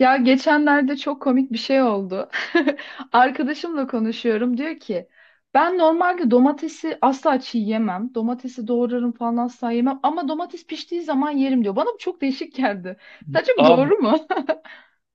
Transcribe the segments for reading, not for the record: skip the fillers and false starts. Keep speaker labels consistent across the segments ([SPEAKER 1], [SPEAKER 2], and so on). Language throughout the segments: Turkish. [SPEAKER 1] Ya geçenlerde çok komik bir şey oldu. Arkadaşımla konuşuyorum. Diyor ki ben normalde domatesi asla çiğ yemem. Domatesi doğrarım falan asla yemem. Ama domates piştiği zaman yerim diyor. Bana bu çok değişik geldi. Sence bu
[SPEAKER 2] Abi,
[SPEAKER 1] doğru mu?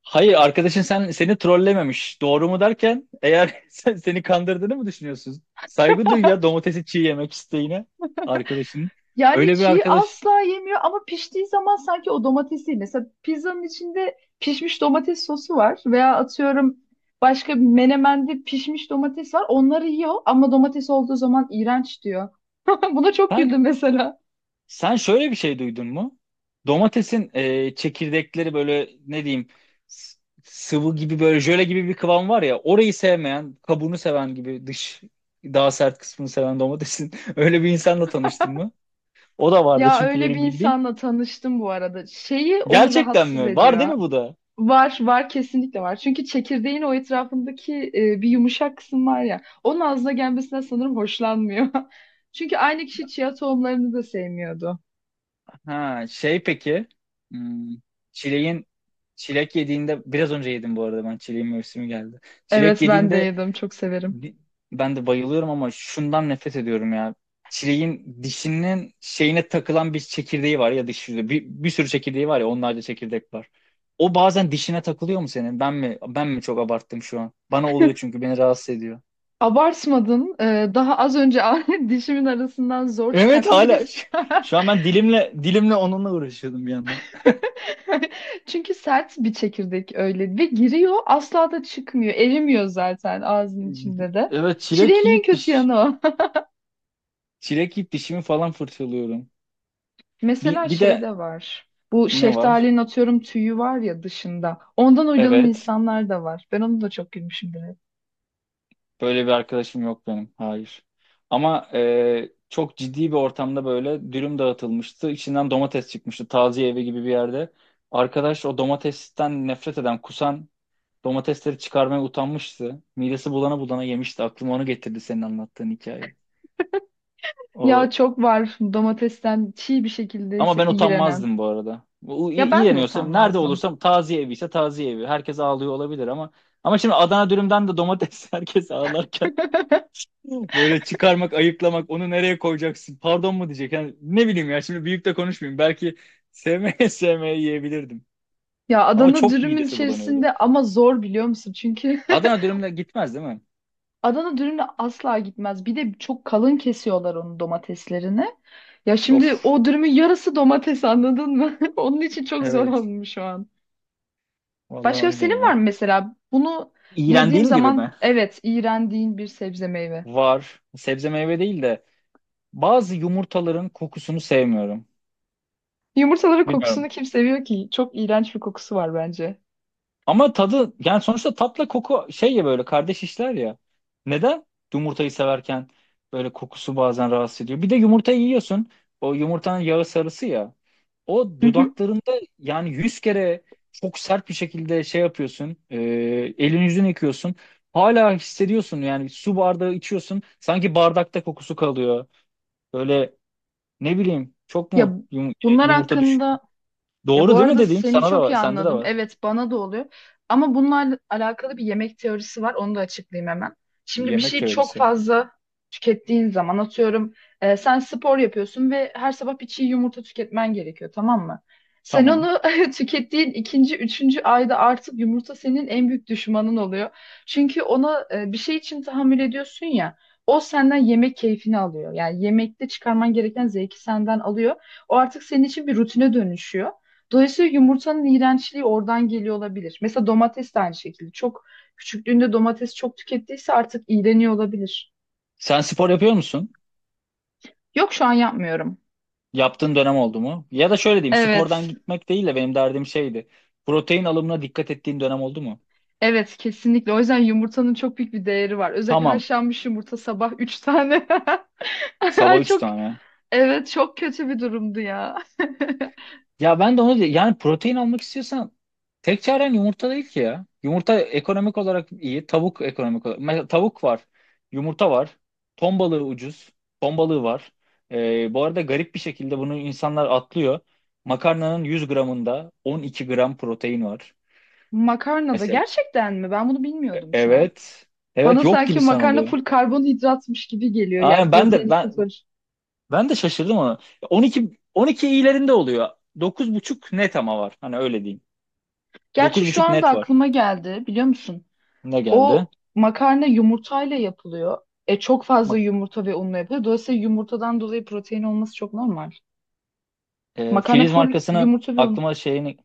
[SPEAKER 2] hayır, arkadaşın seni trollememiş. Doğru mu derken, eğer seni kandırdığını mı düşünüyorsun? Saygı duy ya, domatesi çiğ yemek isteğine arkadaşının.
[SPEAKER 1] Yani
[SPEAKER 2] Öyle bir
[SPEAKER 1] çiğ
[SPEAKER 2] arkadaş.
[SPEAKER 1] asla yemiyor ama piştiği zaman sanki o domatesi. Mesela pizzanın içinde pişmiş domates sosu var. Veya atıyorum başka bir menemende pişmiş domates var. Onları yiyor ama domates olduğu zaman iğrenç diyor. Buna çok
[SPEAKER 2] Sen
[SPEAKER 1] güldüm mesela.
[SPEAKER 2] sen şöyle bir şey duydun mu? Domatesin, çekirdekleri, böyle ne diyeyim, s- sıvı gibi, böyle jöle gibi bir kıvam var ya, orayı sevmeyen, kabuğunu seven gibi dış daha sert kısmını seven domatesin öyle bir insanla tanıştın mı? O da vardı
[SPEAKER 1] Ya
[SPEAKER 2] çünkü
[SPEAKER 1] öyle bir
[SPEAKER 2] benim bildiğim.
[SPEAKER 1] insanla tanıştım bu arada. Şeyi onu
[SPEAKER 2] Gerçekten
[SPEAKER 1] rahatsız
[SPEAKER 2] mi? Var değil
[SPEAKER 1] ediyor.
[SPEAKER 2] mi bu da?
[SPEAKER 1] Var, var kesinlikle var. Çünkü çekirdeğin o etrafındaki bir yumuşak kısım var ya. Onun ağzına gelmesine sanırım hoşlanmıyor. Çünkü aynı kişi chia tohumlarını da sevmiyordu.
[SPEAKER 2] Ha, şey, peki. hmm, çileğin Çilek yediğinde, biraz önce yedim bu arada, ben çileğin mevsimi geldi. Çilek
[SPEAKER 1] Evet ben de
[SPEAKER 2] yediğinde,
[SPEAKER 1] yedim, çok severim.
[SPEAKER 2] bi- ben de bayılıyorum, ama şundan nefret ediyorum ya. Çileğin dişinin şeyine takılan bir çekirdeği var ya, diş yüzü. Bir sürü çekirdeği var ya, onlarca çekirdek var. O bazen dişine takılıyor mu senin? Ben mi çok abarttım şu an? Bana oluyor çünkü beni rahatsız ediyor.
[SPEAKER 1] Abartmadın. Daha az önce dişimin arasından zor
[SPEAKER 2] Evet,
[SPEAKER 1] çıkarttım. Bir de
[SPEAKER 2] hala. Şu an ben dilimle dilimle onunla uğraşıyordum bir yandan.
[SPEAKER 1] Çünkü sert bir çekirdek öyle ve giriyor asla da çıkmıyor. Erimiyor zaten ağzın içinde de.
[SPEAKER 2] Evet,
[SPEAKER 1] Çileğin
[SPEAKER 2] çilek
[SPEAKER 1] en
[SPEAKER 2] yiyip
[SPEAKER 1] kötü
[SPEAKER 2] diş.
[SPEAKER 1] yanı o.
[SPEAKER 2] Çilek yiyip dişimi falan fırçalıyorum.
[SPEAKER 1] Mesela
[SPEAKER 2] Bir, bir
[SPEAKER 1] şey
[SPEAKER 2] de
[SPEAKER 1] de var. Bu
[SPEAKER 2] ne var?
[SPEAKER 1] şeftalinin atıyorum tüyü var ya dışında. Ondan uyduran
[SPEAKER 2] Evet.
[SPEAKER 1] insanlar da var. Ben onu da çok gülmüşümdür hep.
[SPEAKER 2] Böyle bir arkadaşım yok benim. Hayır. Ama çok ciddi bir ortamda böyle dürüm dağıtılmıştı. İçinden domates çıkmıştı. Taziye evi gibi bir yerde. Arkadaş o domatesten nefret eden, kusan, domatesleri çıkarmaya utanmıştı. Midesi bulana bulana yemişti. Aklıma onu getirdi senin anlattığın hikaye.
[SPEAKER 1] Ya
[SPEAKER 2] O.
[SPEAKER 1] çok var domatesten çiğ bir şekilde
[SPEAKER 2] Ama
[SPEAKER 1] ise
[SPEAKER 2] ben
[SPEAKER 1] iğrenen.
[SPEAKER 2] utanmazdım bu arada.
[SPEAKER 1] Ya ben de
[SPEAKER 2] İğreniyorsam, nerede
[SPEAKER 1] utanmazdım.
[SPEAKER 2] olursam, taziye evi ise taziye evi. Herkes ağlıyor olabilir ama, şimdi Adana dürümden de domates, herkes ağlarken böyle çıkarmak, ayıklamak, onu nereye koyacaksın? Pardon mu diyecek? Yani ne bileyim ya, şimdi büyük de konuşmayayım. Belki sevmeye sevmeye yiyebilirdim.
[SPEAKER 1] Ya
[SPEAKER 2] Ama
[SPEAKER 1] Adana
[SPEAKER 2] çok
[SPEAKER 1] dürümün
[SPEAKER 2] midesi bulanıyordu.
[SPEAKER 1] içerisinde ama zor biliyor musun? Çünkü
[SPEAKER 2] Adana dürümle gitmez değil mi?
[SPEAKER 1] Adana dürümle asla gitmez. Bir de çok kalın kesiyorlar onun domateslerini. Ya şimdi
[SPEAKER 2] Of.
[SPEAKER 1] o dürümün yarısı domates anladın mı? Onun için çok zor
[SPEAKER 2] Evet.
[SPEAKER 1] olmuş şu an.
[SPEAKER 2] Vallahi
[SPEAKER 1] Başka
[SPEAKER 2] öyle
[SPEAKER 1] senin var
[SPEAKER 2] ya.
[SPEAKER 1] mı mesela? Bunu yediğim
[SPEAKER 2] İğrendiğim gibi
[SPEAKER 1] zaman
[SPEAKER 2] mi?
[SPEAKER 1] evet iğrendiğin bir sebze meyve.
[SPEAKER 2] Var. Sebze meyve değil de bazı yumurtaların kokusunu sevmiyorum.
[SPEAKER 1] Yumurtaların kokusunu
[SPEAKER 2] Bilmiyorum.
[SPEAKER 1] kim seviyor ki? Çok iğrenç bir kokusu var bence.
[SPEAKER 2] Ama tadı, yani sonuçta tatla koku şey ya, böyle kardeş işler ya. Neden? Yumurtayı severken böyle kokusu bazen rahatsız ediyor. Bir de yumurtayı yiyorsun. O yumurtanın yağı sarısı ya. O
[SPEAKER 1] Hı hı.
[SPEAKER 2] dudaklarında, yani 100 kere çok sert bir şekilde şey yapıyorsun. Elin yüzünü yıkıyorsun. Hala hissediyorsun, yani su bardağı içiyorsun. Sanki bardakta kokusu kalıyor. Böyle, ne bileyim, çok
[SPEAKER 1] Ya
[SPEAKER 2] mu
[SPEAKER 1] bunlar
[SPEAKER 2] yumurta düş.
[SPEAKER 1] hakkında. Ya bu
[SPEAKER 2] Doğru değil mi
[SPEAKER 1] arada
[SPEAKER 2] dediğim?
[SPEAKER 1] seni
[SPEAKER 2] Sana da
[SPEAKER 1] çok
[SPEAKER 2] var,
[SPEAKER 1] iyi
[SPEAKER 2] sende de
[SPEAKER 1] anladım.
[SPEAKER 2] var.
[SPEAKER 1] Evet bana da oluyor. Ama bununla alakalı bir yemek teorisi var. Onu da açıklayayım hemen. Şimdi bir
[SPEAKER 2] Yemek
[SPEAKER 1] şeyi çok
[SPEAKER 2] teorisi.
[SPEAKER 1] fazla tükettiğin zaman atıyorum sen spor yapıyorsun ve her sabah bir çiğ yumurta tüketmen gerekiyor tamam mı? Sen
[SPEAKER 2] Tamam.
[SPEAKER 1] onu tükettiğin ikinci, üçüncü ayda artık yumurta senin en büyük düşmanın oluyor. Çünkü ona bir şey için tahammül ediyorsun ya. O senden yemek keyfini alıyor. Yani yemekte çıkarman gereken zevki senden alıyor. O artık senin için bir rutine dönüşüyor. Dolayısıyla yumurtanın iğrençliği oradan geliyor olabilir. Mesela domates de aynı şekilde. Çok küçüklüğünde domates çok tükettiyse artık iğreniyor olabilir.
[SPEAKER 2] Sen spor yapıyor musun?
[SPEAKER 1] Yok şu an yapmıyorum.
[SPEAKER 2] Yaptığın dönem oldu mu? Ya da şöyle diyeyim, spordan
[SPEAKER 1] Evet.
[SPEAKER 2] gitmek değil de benim derdim şeydi. Protein alımına dikkat ettiğin dönem oldu mu?
[SPEAKER 1] Evet kesinlikle. O yüzden yumurtanın çok büyük bir değeri var. Özellikle
[SPEAKER 2] Tamam,
[SPEAKER 1] haşlanmış yumurta sabah 3 tane.
[SPEAKER 2] sabah 3
[SPEAKER 1] Çok
[SPEAKER 2] tane.
[SPEAKER 1] evet çok kötü bir durumdu ya.
[SPEAKER 2] Ya ben de onu, yani protein almak istiyorsan tek çaren yumurta değil ki ya. Yumurta ekonomik olarak iyi, tavuk ekonomik olarak. Mesela tavuk var, yumurta var, ton balığı ucuz, ton balığı var. Bu arada garip bir şekilde bunu insanlar atlıyor. Makarnanın 100 gramında 12 gram protein var.
[SPEAKER 1] Makarna da gerçekten mi? Ben bunu bilmiyordum şu an.
[SPEAKER 2] Evet. Evet,
[SPEAKER 1] Bana
[SPEAKER 2] yok
[SPEAKER 1] sanki
[SPEAKER 2] gibi
[SPEAKER 1] makarna
[SPEAKER 2] sanılıyor.
[SPEAKER 1] full karbonhidratmış gibi geliyor. Yani
[SPEAKER 2] Aynen, ben de
[SPEAKER 1] proteini
[SPEAKER 2] ben
[SPEAKER 1] sıfır.
[SPEAKER 2] ben de şaşırdım ona. 12 12 iyilerinde oluyor. 9,5 net ama var. Hani, öyle diyeyim.
[SPEAKER 1] Gerçi
[SPEAKER 2] Dokuz
[SPEAKER 1] şu
[SPEAKER 2] buçuk
[SPEAKER 1] anda
[SPEAKER 2] net var.
[SPEAKER 1] aklıma geldi biliyor musun?
[SPEAKER 2] Ne geldi?
[SPEAKER 1] O makarna yumurtayla yapılıyor. E çok fazla
[SPEAKER 2] Bak,
[SPEAKER 1] yumurta ve unla yapılıyor. Dolayısıyla yumurtadan dolayı protein olması çok normal. Makarna
[SPEAKER 2] Filiz
[SPEAKER 1] full
[SPEAKER 2] markasının
[SPEAKER 1] yumurta ve un.
[SPEAKER 2] aklıma şeyini,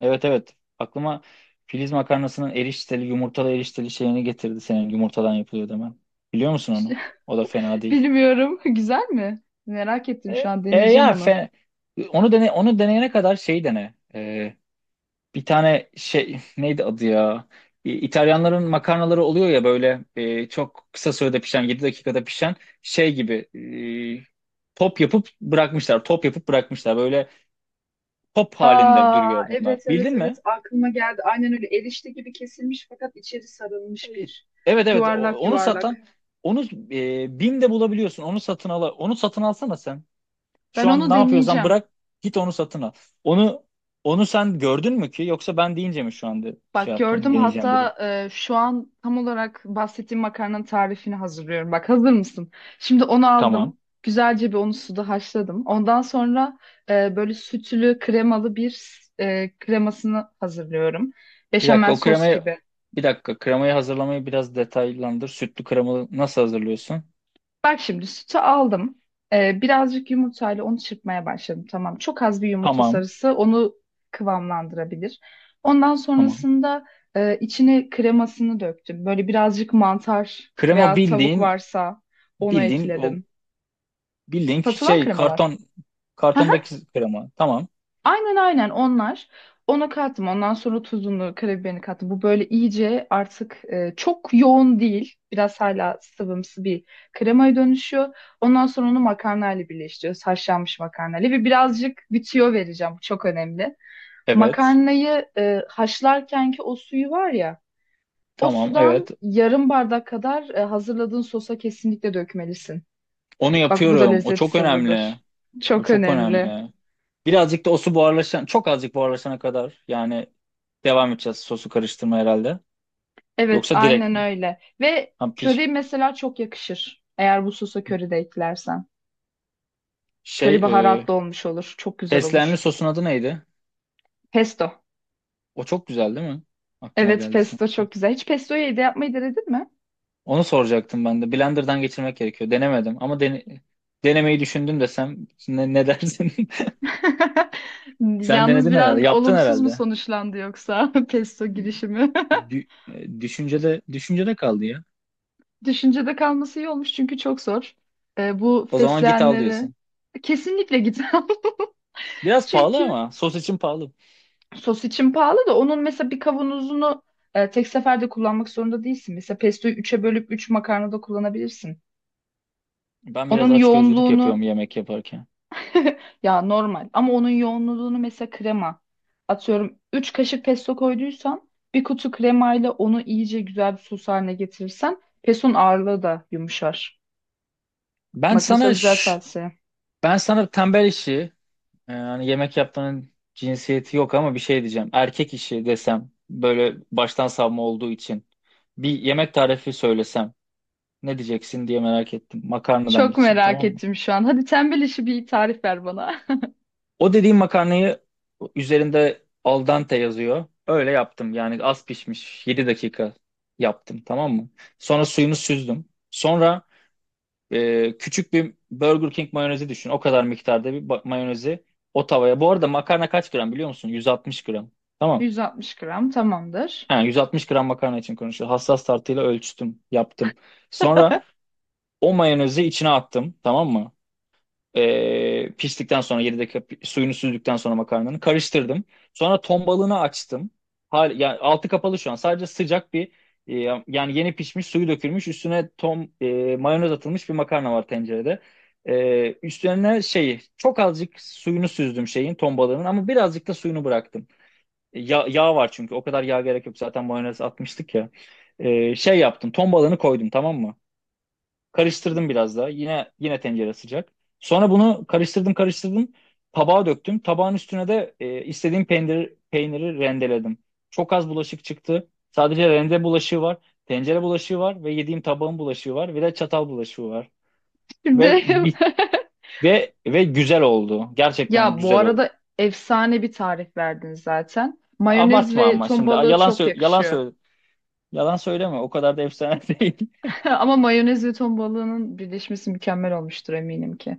[SPEAKER 2] evet evet, aklıma Filiz makarnasının erişteli yumurtalı erişteli şeyini getirdi senin yumurtadan yapılıyor demen. Biliyor musun onu? O da fena değil.
[SPEAKER 1] Bilmiyorum. Güzel mi? Merak ettim şu an. Deneyeceğim
[SPEAKER 2] Ya,
[SPEAKER 1] onu.
[SPEAKER 2] onu dene, onu deneyene kadar şey dene. Bir tane şey neydi adı ya? İtalyanların makarnaları oluyor ya, böyle çok kısa sürede pişen, 7 dakikada pişen şey gibi, top yapıp bırakmışlar. Top yapıp bırakmışlar. Böyle top halinde
[SPEAKER 1] Aa
[SPEAKER 2] duruyor bunlar.
[SPEAKER 1] evet evet
[SPEAKER 2] Bildin
[SPEAKER 1] evet
[SPEAKER 2] mi?
[SPEAKER 1] aklıma geldi. Aynen öyle erişte gibi kesilmiş fakat içeri sarılmış
[SPEAKER 2] E,
[SPEAKER 1] bir
[SPEAKER 2] Evet evet.
[SPEAKER 1] yuvarlak
[SPEAKER 2] Onu
[SPEAKER 1] yuvarlak.
[SPEAKER 2] satan, onu BİM'de bulabiliyorsun. Onu satın al. Onu satın alsana sen.
[SPEAKER 1] Ben
[SPEAKER 2] Şu an
[SPEAKER 1] onu
[SPEAKER 2] ne yapıyorsan
[SPEAKER 1] deneyeceğim.
[SPEAKER 2] bırak, git onu satın al. Onu onu sen gördün mü ki, yoksa ben deyince mi şu anda şey
[SPEAKER 1] Bak
[SPEAKER 2] yaptın,
[SPEAKER 1] gördüm
[SPEAKER 2] deneyeceğim dedin.
[SPEAKER 1] hatta şu an tam olarak bahsettiğim makarnanın tarifini hazırlıyorum. Bak hazır mısın? Şimdi onu aldım.
[SPEAKER 2] Tamam.
[SPEAKER 1] Güzelce bir onu suda haşladım. Ondan sonra böyle sütlü kremalı bir kremasını hazırlıyorum.
[SPEAKER 2] Bir dakika
[SPEAKER 1] Beşamel
[SPEAKER 2] o
[SPEAKER 1] sos
[SPEAKER 2] kremayı
[SPEAKER 1] gibi.
[SPEAKER 2] Bir dakika, kremayı hazırlamayı biraz detaylandır. Sütlü kremalı nasıl hazırlıyorsun?
[SPEAKER 1] Bak şimdi sütü aldım. Birazcık yumurtayla onu çırpmaya başladım. Tamam. Çok az bir yumurta
[SPEAKER 2] Tamam,
[SPEAKER 1] sarısı onu kıvamlandırabilir. Ondan
[SPEAKER 2] tamam.
[SPEAKER 1] sonrasında içine kremasını döktüm. Böyle birazcık mantar
[SPEAKER 2] Krema,
[SPEAKER 1] veya tavuk
[SPEAKER 2] bildiğin
[SPEAKER 1] varsa onu
[SPEAKER 2] bildiğin o,
[SPEAKER 1] ekledim.
[SPEAKER 2] bildiğin
[SPEAKER 1] Satılan
[SPEAKER 2] şey,
[SPEAKER 1] kremalar.
[SPEAKER 2] kartondaki krema. Tamam.
[SPEAKER 1] Aynen aynen onlar. Ona kattım. Ondan sonra tuzunu, karabiberini kattım. Bu böyle iyice artık çok yoğun değil. Biraz hala sıvımsı bir kremaya dönüşüyor. Ondan sonra onu makarnayla birleştiriyoruz. Haşlanmış makarnayla ve birazcık bir tüyo vereceğim. Bu çok önemli.
[SPEAKER 2] Evet.
[SPEAKER 1] Makarnayı haşlarkenki o suyu var ya, o
[SPEAKER 2] Tamam,
[SPEAKER 1] sudan
[SPEAKER 2] evet.
[SPEAKER 1] yarım bardak kadar hazırladığın sosa kesinlikle dökmelisin.
[SPEAKER 2] Onu
[SPEAKER 1] Bak bu da
[SPEAKER 2] yapıyorum. O
[SPEAKER 1] lezzet
[SPEAKER 2] çok önemli.
[SPEAKER 1] sırrıdır.
[SPEAKER 2] O
[SPEAKER 1] Çok
[SPEAKER 2] çok
[SPEAKER 1] önemli.
[SPEAKER 2] önemli. Birazcık da o su çok azıcık buharlaşana kadar, yani devam edeceğiz sosu karıştırma herhalde.
[SPEAKER 1] Evet,
[SPEAKER 2] Yoksa direkt
[SPEAKER 1] aynen
[SPEAKER 2] mi?
[SPEAKER 1] öyle. Ve
[SPEAKER 2] Ha,
[SPEAKER 1] köri mesela çok yakışır. Eğer bu sosa köri de eklersen.
[SPEAKER 2] şey,
[SPEAKER 1] Köri baharatlı olmuş olur. Çok güzel
[SPEAKER 2] fesleğenli
[SPEAKER 1] olur.
[SPEAKER 2] sosun adı neydi?
[SPEAKER 1] Pesto.
[SPEAKER 2] O çok güzel değil mi? Aklıma
[SPEAKER 1] Evet,
[SPEAKER 2] geldi sen.
[SPEAKER 1] pesto çok güzel. Hiç pestoyu evde yapmayı denedin mi?
[SPEAKER 2] Onu soracaktım ben de. Blender'dan geçirmek gerekiyor. Denemedim ama denemeyi düşündüm desem, ne dersin? Sen
[SPEAKER 1] Yalnız
[SPEAKER 2] denedin
[SPEAKER 1] biraz
[SPEAKER 2] herhalde. Yaptın
[SPEAKER 1] olumsuz mu
[SPEAKER 2] herhalde.
[SPEAKER 1] sonuçlandı yoksa pesto girişimi?
[SPEAKER 2] Düşüncede kaldı ya.
[SPEAKER 1] Düşüncede kalması iyi olmuş çünkü çok zor. Bu
[SPEAKER 2] O zaman git al
[SPEAKER 1] fesleğenleri
[SPEAKER 2] diyorsun.
[SPEAKER 1] kesinlikle git.
[SPEAKER 2] Biraz pahalı
[SPEAKER 1] Çünkü
[SPEAKER 2] ama sos için pahalı.
[SPEAKER 1] sos için pahalı da onun mesela bir kavanozunu tek seferde kullanmak zorunda değilsin. Mesela pestoyu üç'e bölüp 3 makarnada kullanabilirsin.
[SPEAKER 2] Ben biraz
[SPEAKER 1] Onun
[SPEAKER 2] açgözlülük yapıyorum
[SPEAKER 1] yoğunluğunu
[SPEAKER 2] yemek yaparken.
[SPEAKER 1] ya normal ama onun yoğunluğunu mesela krema atıyorum 3 kaşık pesto koyduysan bir kutu kremayla onu iyice güzel bir sos haline getirirsen pestonun ağırlığı da yumuşar.
[SPEAKER 2] Ben
[SPEAKER 1] Bak mesela
[SPEAKER 2] sana
[SPEAKER 1] güzel
[SPEAKER 2] ş-
[SPEAKER 1] tavsiye.
[SPEAKER 2] Ben sana tembel işi. Hani, yemek yaptığının cinsiyeti yok ama bir şey diyeceğim. Erkek işi desem böyle baştan savma olduğu için, bir yemek tarifi söylesem ne diyeceksin diye merak ettim. Makarnadan
[SPEAKER 1] Çok
[SPEAKER 2] gideceksin,
[SPEAKER 1] merak
[SPEAKER 2] tamam mı?
[SPEAKER 1] ettim şu an. Hadi tembel işi bir tarif ver bana.
[SPEAKER 2] O dediğim makarnayı üzerinde al dente yazıyor. Öyle yaptım, yani az pişmiş, 7 dakika yaptım, tamam mı? Sonra suyunu süzdüm. Sonra, küçük bir Burger King mayonezi düşün. O kadar miktarda bir mayonezi, o tavaya. Bu arada makarna kaç gram biliyor musun? 160 gram. Tamam.
[SPEAKER 1] 160 gram tamamdır.
[SPEAKER 2] Ha, 160 gram makarna için konuşuyor. Hassas tartıyla ölçtüm, yaptım. Sonra o mayonezi içine attım, tamam mı? Piştikten sonra, 7 dakika suyunu süzdükten sonra, makarnanı karıştırdım. Sonra ton balığını açtım. Yani altı kapalı şu an. Sadece sıcak bir, e, yani yeni pişmiş, suyu dökülmüş, üstüne mayonez atılmış bir makarna var tencerede. Üstlerine şeyi, çok azıcık suyunu süzdüm şeyin, ton balığının, ama birazcık da suyunu bıraktım. Ya, yağ var çünkü. O kadar yağ gerek yok. Zaten mayonez atmıştık ya. Şey yaptım. Ton balığını koydum, tamam mı? Karıştırdım biraz daha. Yine tencere sıcak. Sonra bunu karıştırdım karıştırdım. Tabağa döktüm. Tabağın üstüne de istediğim peynir, peyniri rendeledim. Çok az bulaşık çıktı. Sadece rende bulaşığı var. Tencere bulaşığı var ve yediğim tabağın bulaşığı var. Bir de çatal bulaşığı var. Ve
[SPEAKER 1] Şimdi
[SPEAKER 2] bit ve ve güzel oldu. Gerçekten
[SPEAKER 1] ya bu
[SPEAKER 2] güzel oldu.
[SPEAKER 1] arada efsane bir tarif verdin zaten. Mayonez
[SPEAKER 2] Abartma
[SPEAKER 1] ve
[SPEAKER 2] ama
[SPEAKER 1] ton
[SPEAKER 2] şimdi
[SPEAKER 1] balığı
[SPEAKER 2] yalan
[SPEAKER 1] çok
[SPEAKER 2] sö- yalan
[SPEAKER 1] yakışıyor.
[SPEAKER 2] söyle Yalan söyleme. O kadar da efsane değil.
[SPEAKER 1] Ama mayonez ve ton balığının birleşmesi mükemmel olmuştur eminim ki.